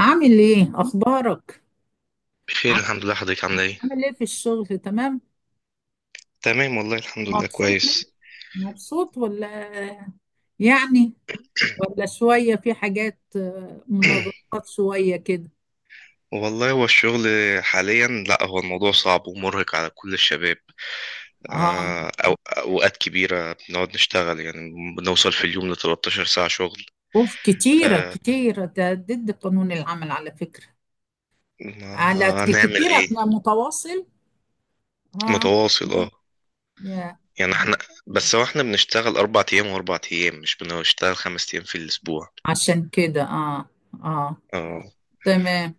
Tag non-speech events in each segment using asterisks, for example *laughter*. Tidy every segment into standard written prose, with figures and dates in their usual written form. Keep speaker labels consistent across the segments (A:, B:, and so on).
A: عامل ايه اخبارك؟
B: بخير
A: عام-
B: الحمد لله. حضرتك عامله ايه؟
A: عامل ايه في الشغل؟ تمام؟
B: تمام والله الحمد لله
A: مبسوط منه؟
B: كويس.
A: مبسوط ولا يعني ولا شوية في حاجات منغلقات شوية كده؟
B: *clears throat* والله هو الشغل حاليا، لا هو الموضوع صعب ومرهق على كل الشباب.
A: اه.
B: أو أوقات كبيرة بنقعد نشتغل يعني بنوصل في اليوم ل 13 ساعة شغل.
A: اوف، كتيرة
B: آه،
A: كتيرة، ده ضد قانون العمل على فكرة.
B: ما
A: على
B: هنعمل
A: كتيرة،
B: ايه.
A: أنا متواصل. اه.
B: متواصل اه.
A: يا،
B: يعني احنا، بس هو احنا بنشتغل أربع أيام وأربع أيام، مش بنشتغل خمس أيام في الأسبوع.
A: عشان كده اه. اه،
B: آه.
A: تمام.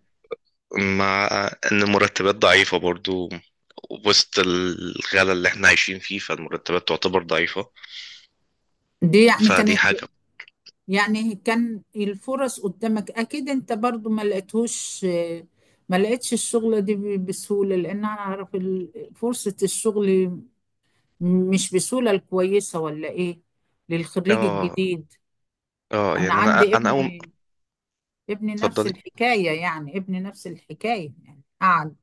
B: مع ان المرتبات ضعيفة برضو وسط الغلا اللي احنا عايشين فيه، فالمرتبات تعتبر ضعيفة.
A: دي يعني
B: فدي
A: كانت،
B: حاجة.
A: يعني كان الفرص قدامك اكيد انت برضو ما لقيتهوش، ما لقيتش الشغلة دي بسهولة، لان انا اعرف فرصة الشغل مش بسهولة الكويسة، ولا ايه؟ للخريج
B: اه
A: الجديد.
B: اه،
A: انا
B: يعني انا
A: عندي
B: انا اول.
A: ابني، ابني نفس
B: اتفضلي.
A: الحكاية، يعني ابني نفس الحكاية يعني، قعد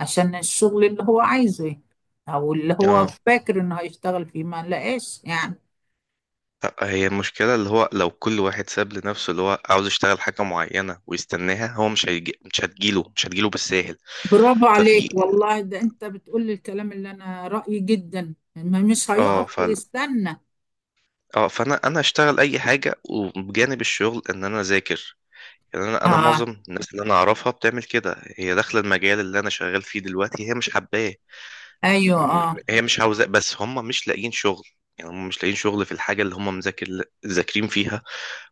A: عشان الشغل اللي هو عايزه يعني، او اللي هو
B: اه.
A: فاكر انه هيشتغل فيه ما لقاش يعني.
B: لأ، هي المشكلة اللي هو لو كل واحد ساب لنفسه اللي هو عاوز يشتغل حاجة معينة ويستناها، هو مش هيجي، مش هتجيله بالساهل.
A: برافو
B: ففي
A: عليك والله، ده انت بتقول لي الكلام اللي انا رأيي، جدا ما مش
B: اه
A: هيقف
B: ف
A: ويستنى.
B: اه فانا انا اشتغل اي حاجة، وبجانب الشغل ان انا اذاكر. يعني انا
A: اه.
B: معظم الناس اللي انا اعرفها بتعمل كده، هي داخله المجال اللي انا شغال فيه دلوقتي، هي مش حباه.
A: ايوه
B: م-
A: اه.
B: هي مش عاوزاه بس هم مش لاقيين شغل. يعني هم مش لاقيين شغل في الحاجه اللي هم ذاكرين فيها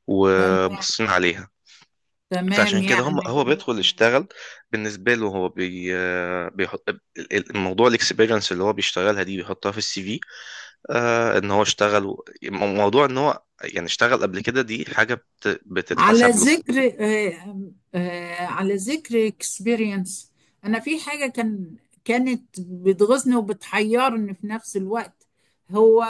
B: وبصين عليها.
A: تمام
B: فعشان كده هم،
A: يعني.
B: هو بيدخل يشتغل بالنسبه له هو بي بيحط الموضوع، الاكسبيرينس اللي هو بيشتغلها دي بيحطها في السي في. آه ان هو اشتغل، موضوع ان هو يعني اشتغل قبل كده دي حاجه
A: على
B: بتتحسب له.
A: ذكر على ذكر اكسبيرينس، انا في حاجه كانت بتغيظني وبتحيرني في نفس الوقت. هو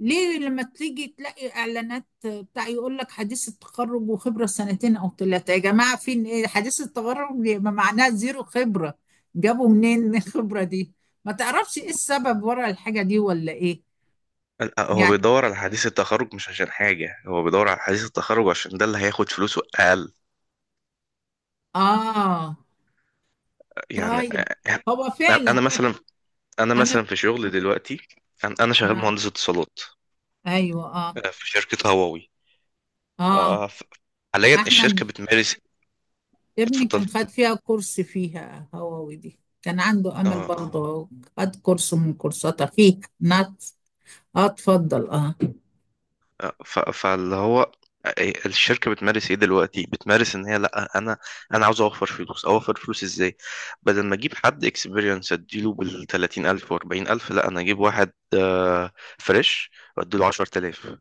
A: ليه لما تيجي تلاقي اعلانات بتاع يقول لك حديث التخرج وخبره سنتين او ثلاثه؟ يا جماعه، فين ايه حديث التخرج؟ يبقى معناها زيرو خبره. جابوا منين *laughs* الخبره دي؟ ما تعرفش ايه السبب ورا الحاجه دي ولا ايه؟
B: لا، هو
A: يعني
B: بيدور على حديث التخرج مش عشان حاجة، هو بيدور على حديث التخرج عشان ده اللي هياخد فلوسه أقل.
A: اه.
B: يعني
A: طيب.
B: يعني
A: هو
B: أنا
A: فعلا.
B: مثلا، أنا
A: انا.
B: مثلا في شغل دلوقتي. أنا شغال مهندس اتصالات
A: ايوه اه.
B: في شركة هواوي.
A: اه،
B: آه، ف- حاليا
A: احمد
B: الشركة بتمارس.
A: ابني
B: اتفضلي.
A: كان خد فيها كورس، فيها هووي دي كان عنده امل
B: اه.
A: برضه. خد كورس من كورساتها فيه نات. اه، اتفضل اه.
B: ف... فاللي هو الشركة بتمارس ايه دلوقتي؟ بتمارس ان هي، لا انا، انا عاوز اوفر فلوس. اوفر فلوس ازاي؟ بدل ما اجيب حد اكسبيرينس اديله بال 30,000 و 40,000، لا انا اجيب واحد فريش واديله 10,000.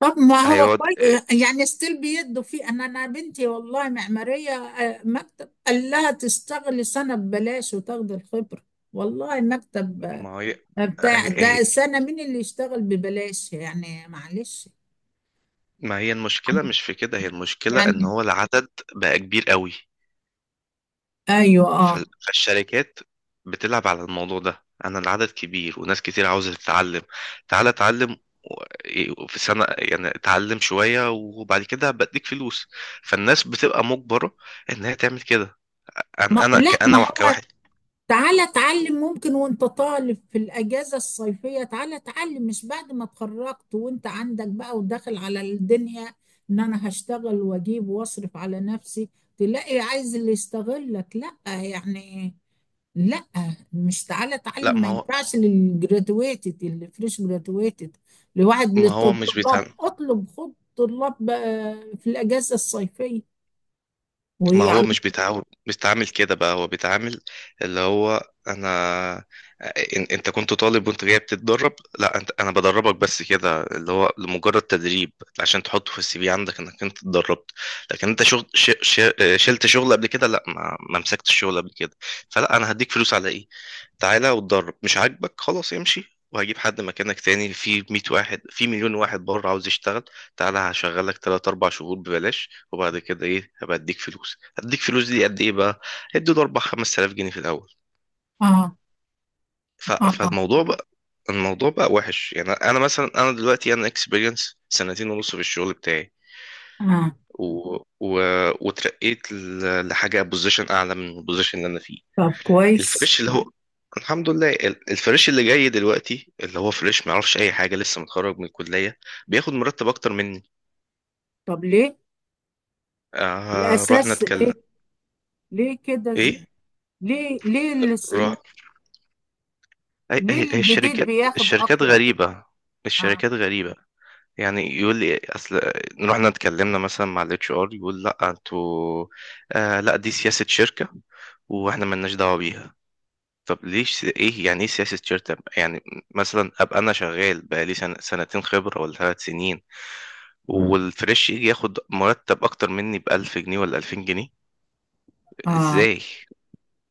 A: طب ما هو
B: هيقعد
A: كويس يعني، ستيل بيدوا فيه. انا انا بنتي والله معماريه، مكتب قال لها تشتغلي سنه ببلاش وتاخدي الخبره. والله مكتب
B: ما هي،
A: بتاع
B: هي-
A: ده،
B: هي-
A: سنه؟ مين اللي يشتغل ببلاش يعني؟ معلش.
B: ما هي المشكلة
A: يعني
B: مش في كده. هي المشكلة ان
A: يعني-
B: هو العدد بقى كبير قوي.
A: ايوه
B: ف-
A: اه.
B: فالشركات بتلعب على الموضوع ده. انا العدد كبير وناس كتير عاوزة تتعلم. تعالى اتعلم في سنة، يعني اتعلم شوية وبعد كده بديك فلوس. فالناس بتبقى مجبرة انها تعمل كده. انا
A: ما
B: انا
A: لا، ما
B: كأنا
A: هو
B: كواحد.
A: تعالى اتعلم ممكن وانت طالب في الاجازه الصيفيه، تعالى اتعلم مش بعد ما اتخرجت وانت عندك بقى وداخل على الدنيا، ان انا هشتغل واجيب واصرف على نفسي، تلاقي عايز اللي يستغلك. لا يعني، لا. مش تعالى اتعلم،
B: لا
A: ما
B: ما هو
A: ينفعش للجرادويتد اللي فريش جرادويتد، لواحد
B: ما هو
A: للطلاب.
B: مش بيتعلم.
A: اطلب خد طلاب بقى في الاجازه الصيفيه
B: ما هو
A: ويعلم.
B: مش بيتعامل، بيتعامل كده بقى. هو بيتعامل اللي هو انا، انت كنت طالب وانت جاي بتتدرب. لا انت، انا بدربك بس كده، اللي هو لمجرد تدريب عشان تحطه في السي في عندك انك انت اتدربت. لكن انت شغل، شلت شغل قبل كده؟ لا ما مسكتش شغل قبل كده. فلا انا هديك فلوس على ايه؟ تعالى واتدرب، مش عاجبك خلاص امشي وهجيب حد مكانك تاني، في 100 واحد، في مليون واحد بره عاوز يشتغل. تعالى هشغلك 3 4 شهور ببلاش وبعد كده ايه، هبقى اديك فلوس. هديك فلوس دي قد ايه بقى؟ ادي له 4 5000 جنيه في الاول.
A: اه.
B: ف...
A: اه. اه.
B: فالموضوع بقى، الموضوع بقى وحش يعني. انا مثلا، انا دلوقتي، انا اكسبيرينس سنتين ونص في الشغل بتاعي
A: آه.
B: و... و... وترقيت لحاجه بوزيشن اعلى من البوزيشن اللي انا فيه.
A: طب كويس.
B: الفريش اللي هو، الحمد لله الفريش اللي جاي دلوقتي اللي هو فريش ما يعرفش اي حاجه لسه متخرج من الكليه، بياخد مرتب اكتر مني.
A: طب ليه؟
B: رحنا
A: الأساس إيه؟
B: نتكلم.
A: ليه كده
B: ايه؟
A: ليه ليه
B: روح.
A: ليه
B: هي
A: الجديد
B: الشركات،
A: بياخد
B: الشركات
A: أكتر؟
B: غريبة.
A: آه.
B: الشركات غريبة. يعني يقول لي، اصل رحنا اتكلمنا مثلا مع الاتش ار، يقول لا انتوا آه، لا دي سياسة شركة واحنا ملناش دعوة بيها. طب ليش، ايه يعني ايه سياسة شركة يعني؟ مثلا ابقى انا شغال بقالي سنة، سنتين خبرة ولا ثلاث سنين، والفريش يجي ياخد مرتب اكتر مني بألف جنيه ولا ألفين جنيه،
A: آه.
B: ازاي؟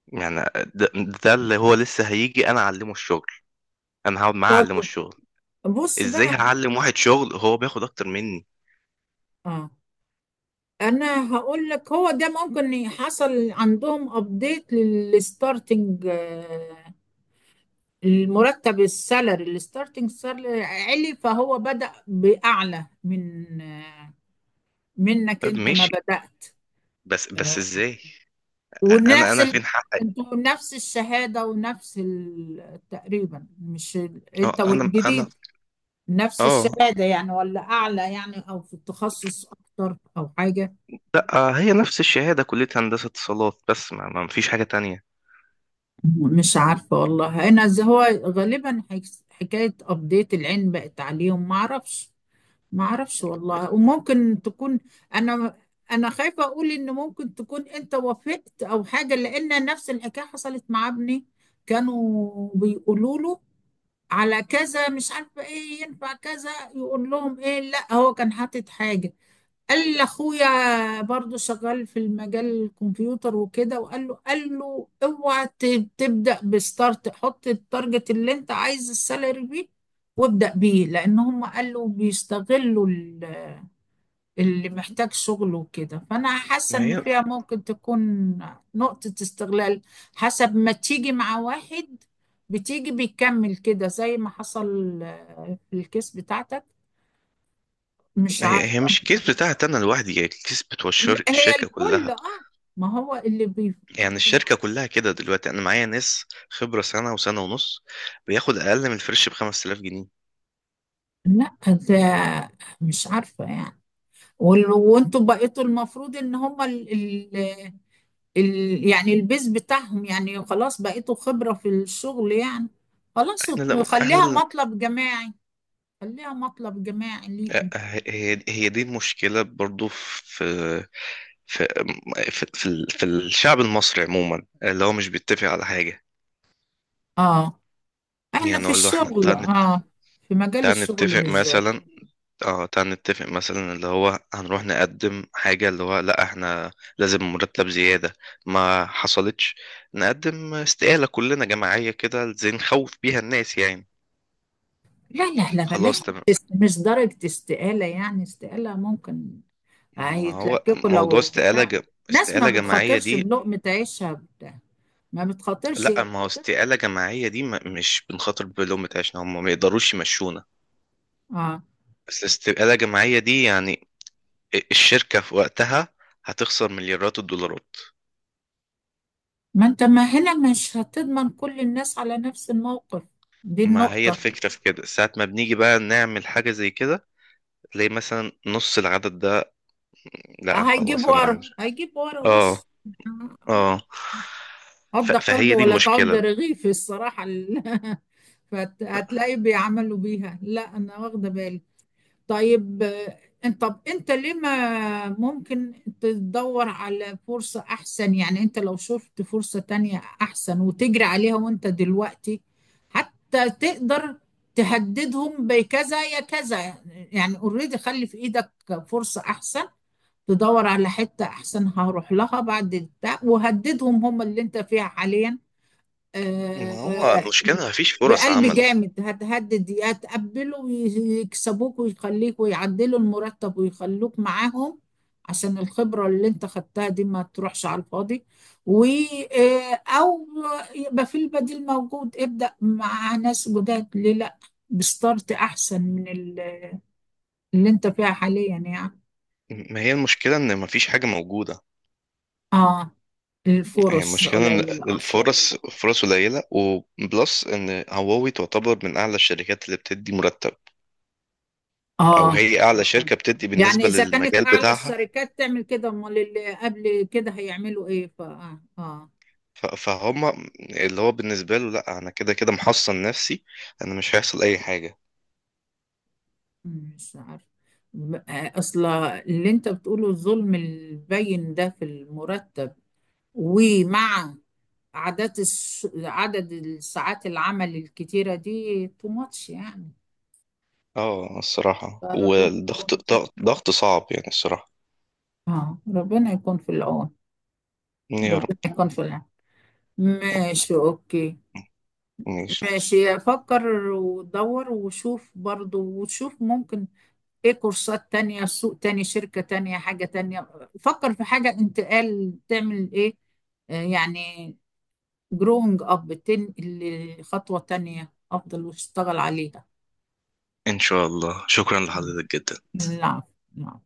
B: يعني ده, ده اللي هو لسه هيجي انا اعلمه الشغل. انا هقعد معاه اعلمه
A: طب
B: الشغل،
A: بص
B: ازاي
A: بقى.
B: هعلم واحد شغل هو بياخد اكتر مني؟
A: آه، أنا هقول لك. هو ده ممكن حصل عندهم أبديت للستارتنج آه، المرتب السالري الستارتنج سالري، علي فهو بدأ بأعلى من منك
B: طب
A: أنت ما
B: ماشي،
A: بدأت.
B: بس ازاي، انا
A: ونفس
B: انا
A: ال...
B: فين حقي؟
A: انتوا نفس الشهادة ونفس ال... تقريبا، مش ال...
B: اه
A: انت
B: انا
A: والجديد نفس
B: اه.
A: الشهادة يعني، ولا أعلى يعني أو في التخصص أكتر أو حاجة؟
B: لا هي نفس الشهاده، كليه هندسه اتصالات بس، ما فيش حاجه تانية.
A: مش عارفة والله. أنا زي هو غالبا حكاية أبديت العلم بقت عليهم، ما أعرفش. ما أعرفش والله، وممكن تكون، أنا أنا خايفة أقول إن ممكن تكون أنت وافقت أو حاجة، لأن نفس الحكاية حصلت مع ابني. كانوا بيقولوا له على كذا مش عارفه ايه، ينفع كذا، يقول لهم ايه، لا هو كان حاطط حاجه. قال لاخويا برضو شغال في المجال الكمبيوتر وكده، وقال له، قال له، اوعى تبدا بستارت، حط التارجت اللي انت عايز السالري بيه، وابدا بيه، لان هم قالوا بيستغلوا اللي محتاج شغل وكده. فأنا حاسة
B: ما
A: إن
B: هي،
A: فيها ممكن تكون نقطة استغلال، حسب ما تيجي مع واحد بتيجي بيكمل كده زي ما حصل في الكيس بتاعتك. مش عارفة.
B: مش الكيس بتاعت انا لوحدي، هي الكيس بتوع
A: لا، هي
B: الشركه
A: الكل
B: كلها.
A: اه. ما هو اللي بي.
B: يعني الشركه كلها كده دلوقتي، انا معايا ناس خبره سنه وسنه ونص، بياخد اقل من الفريش ب 5000 جنيه.
A: لا، ده مش عارفة يعني. وانتوا بقيتوا المفروض ان هما ال... ال... ال... يعني البيز بتاعهم يعني خلاص، بقيتوا خبرة في الشغل يعني. خلاص،
B: احنا لا، احنا
A: خليها
B: لا.
A: مطلب جماعي، خليها مطلب جماعي ليكم.
B: هي دي المشكله برضو في في الشعب المصري عموما، اللي هو مش بيتفق على حاجه.
A: اه، احنا
B: يعني
A: في
B: هو اللي هو احنا،
A: الشغل
B: تعال،
A: اه، في مجال
B: تعال
A: الشغل
B: نتفق
A: بالذات.
B: مثلا، اه تعال نتفق مثلا اللي هو هنروح نقدم حاجة، اللي هو لا احنا لازم مرتب زيادة. ما حصلتش نقدم استقالة كلنا جماعية كده زي نخوف بيها الناس يعني.
A: لا لا لا، بلاش.
B: خلاص تمام.
A: مش درجة استقالة، يعني استقالة ممكن.
B: ما هو
A: هيتلككوا
B: موضوع
A: لو
B: استقالة
A: بتاع، ناس ما
B: استقالة جماعية
A: بتخاطرش
B: دي.
A: بلقمة عيشها بتاع، ما بتخاطرش.
B: لا ما هو، استقالة جماعية دي ما... مش بنخاطر بلومة عشان هم ما يقدروش يمشونا.
A: اه.
B: بس استقالة جماعية دي يعني، الشركة في وقتها هتخسر مليارات الدولارات.
A: ما انت، ما هنا مش هتضمن كل الناس على نفس الموقف. دي
B: ما هي
A: النقطة.
B: الفكرة في كده، ساعة ما بنيجي بقى نعمل حاجة زي كده تلاقي مثلا نص العدد ده، لا
A: هيجيب
B: خلاص انا
A: ورا،
B: مش.
A: هيجيب ورا
B: اه
A: وش. انا
B: اه،
A: عض قلبي
B: فهي دي
A: ولا تعض
B: المشكلة.
A: رغيفي الصراحة. *laughs* فهتلاقي بيعملوا بيها، لا انا واخده بالي. طيب انت، طب انت ليه ما ممكن تدور على فرصة احسن؟ يعني انت لو شفت فرصة تانية احسن، وتجري عليها وانت دلوقتي، حتى تقدر تهددهم بكذا يا كذا يعني. اوريدي، خلي في ايدك فرصة احسن. تدور على حتة احسن، هروح لها بعد بتاع، وهددهم هم اللي انت فيها حاليا.
B: ما هو
A: آه،
B: المشكلة مفيش فرص
A: بقلب
B: عمل.
A: جامد هتهدد، يا تقبله ويكسبوك ويخليك ويعدلوا المرتب ويخلوك معاهم، عشان الخبرة اللي انت خدتها دي ما تروحش على الفاضي. و او يبقى في البديل موجود، ابدأ مع ناس جداد، ليه لا؟ بستارت احسن من اللي انت فيها حاليا يعني.
B: ما هي المشكلة إن مفيش حاجة موجودة.
A: اه.
B: هي
A: الفرص
B: المشكلة إن
A: قليلة اصلا.
B: الفرص، فرص قليلة، وبلس إن هواوي تعتبر من أعلى الشركات اللي بتدي مرتب، أو
A: اه.
B: هي أعلى شركة بتدي
A: يعني
B: بالنسبة
A: إذا كانت
B: للمجال
A: أعلى
B: بتاعها.
A: الشركات تعمل كده، أمال اللي قبل كده هيعملوا إيه؟ ف
B: فهم اللي هو بالنسبة له، لا أنا كده كده محصن نفسي، أنا مش هيحصل أي حاجة.
A: مش عارف. أصل اللي أنت بتقوله، الظلم البين ده في المرتب، ومع عدد عدد الساعات العمل الكتيرة دي، تو ماتش يعني.
B: اه الصراحة،
A: فربنا،
B: والضغط ضغط ضغط صعب يعني الصراحة.
A: آه، ربنا يكون في العون.
B: يا رب.
A: ربنا يكون في العون. ماشي، أوكي.
B: ماشي.
A: ماشي. أفكر ودور وشوف برضو، وشوف ممكن ايه. كورسات تانية، سوق تاني، شركة تانية، حاجة تانية. فكر في حاجة انتقال، تعمل ايه يعني جروينج اب، تنقل لخطوة تانية افضل واشتغل عليها.
B: إن شاء الله، شكرا
A: مم.
B: لحضرتك جدا.
A: العفو. العفو.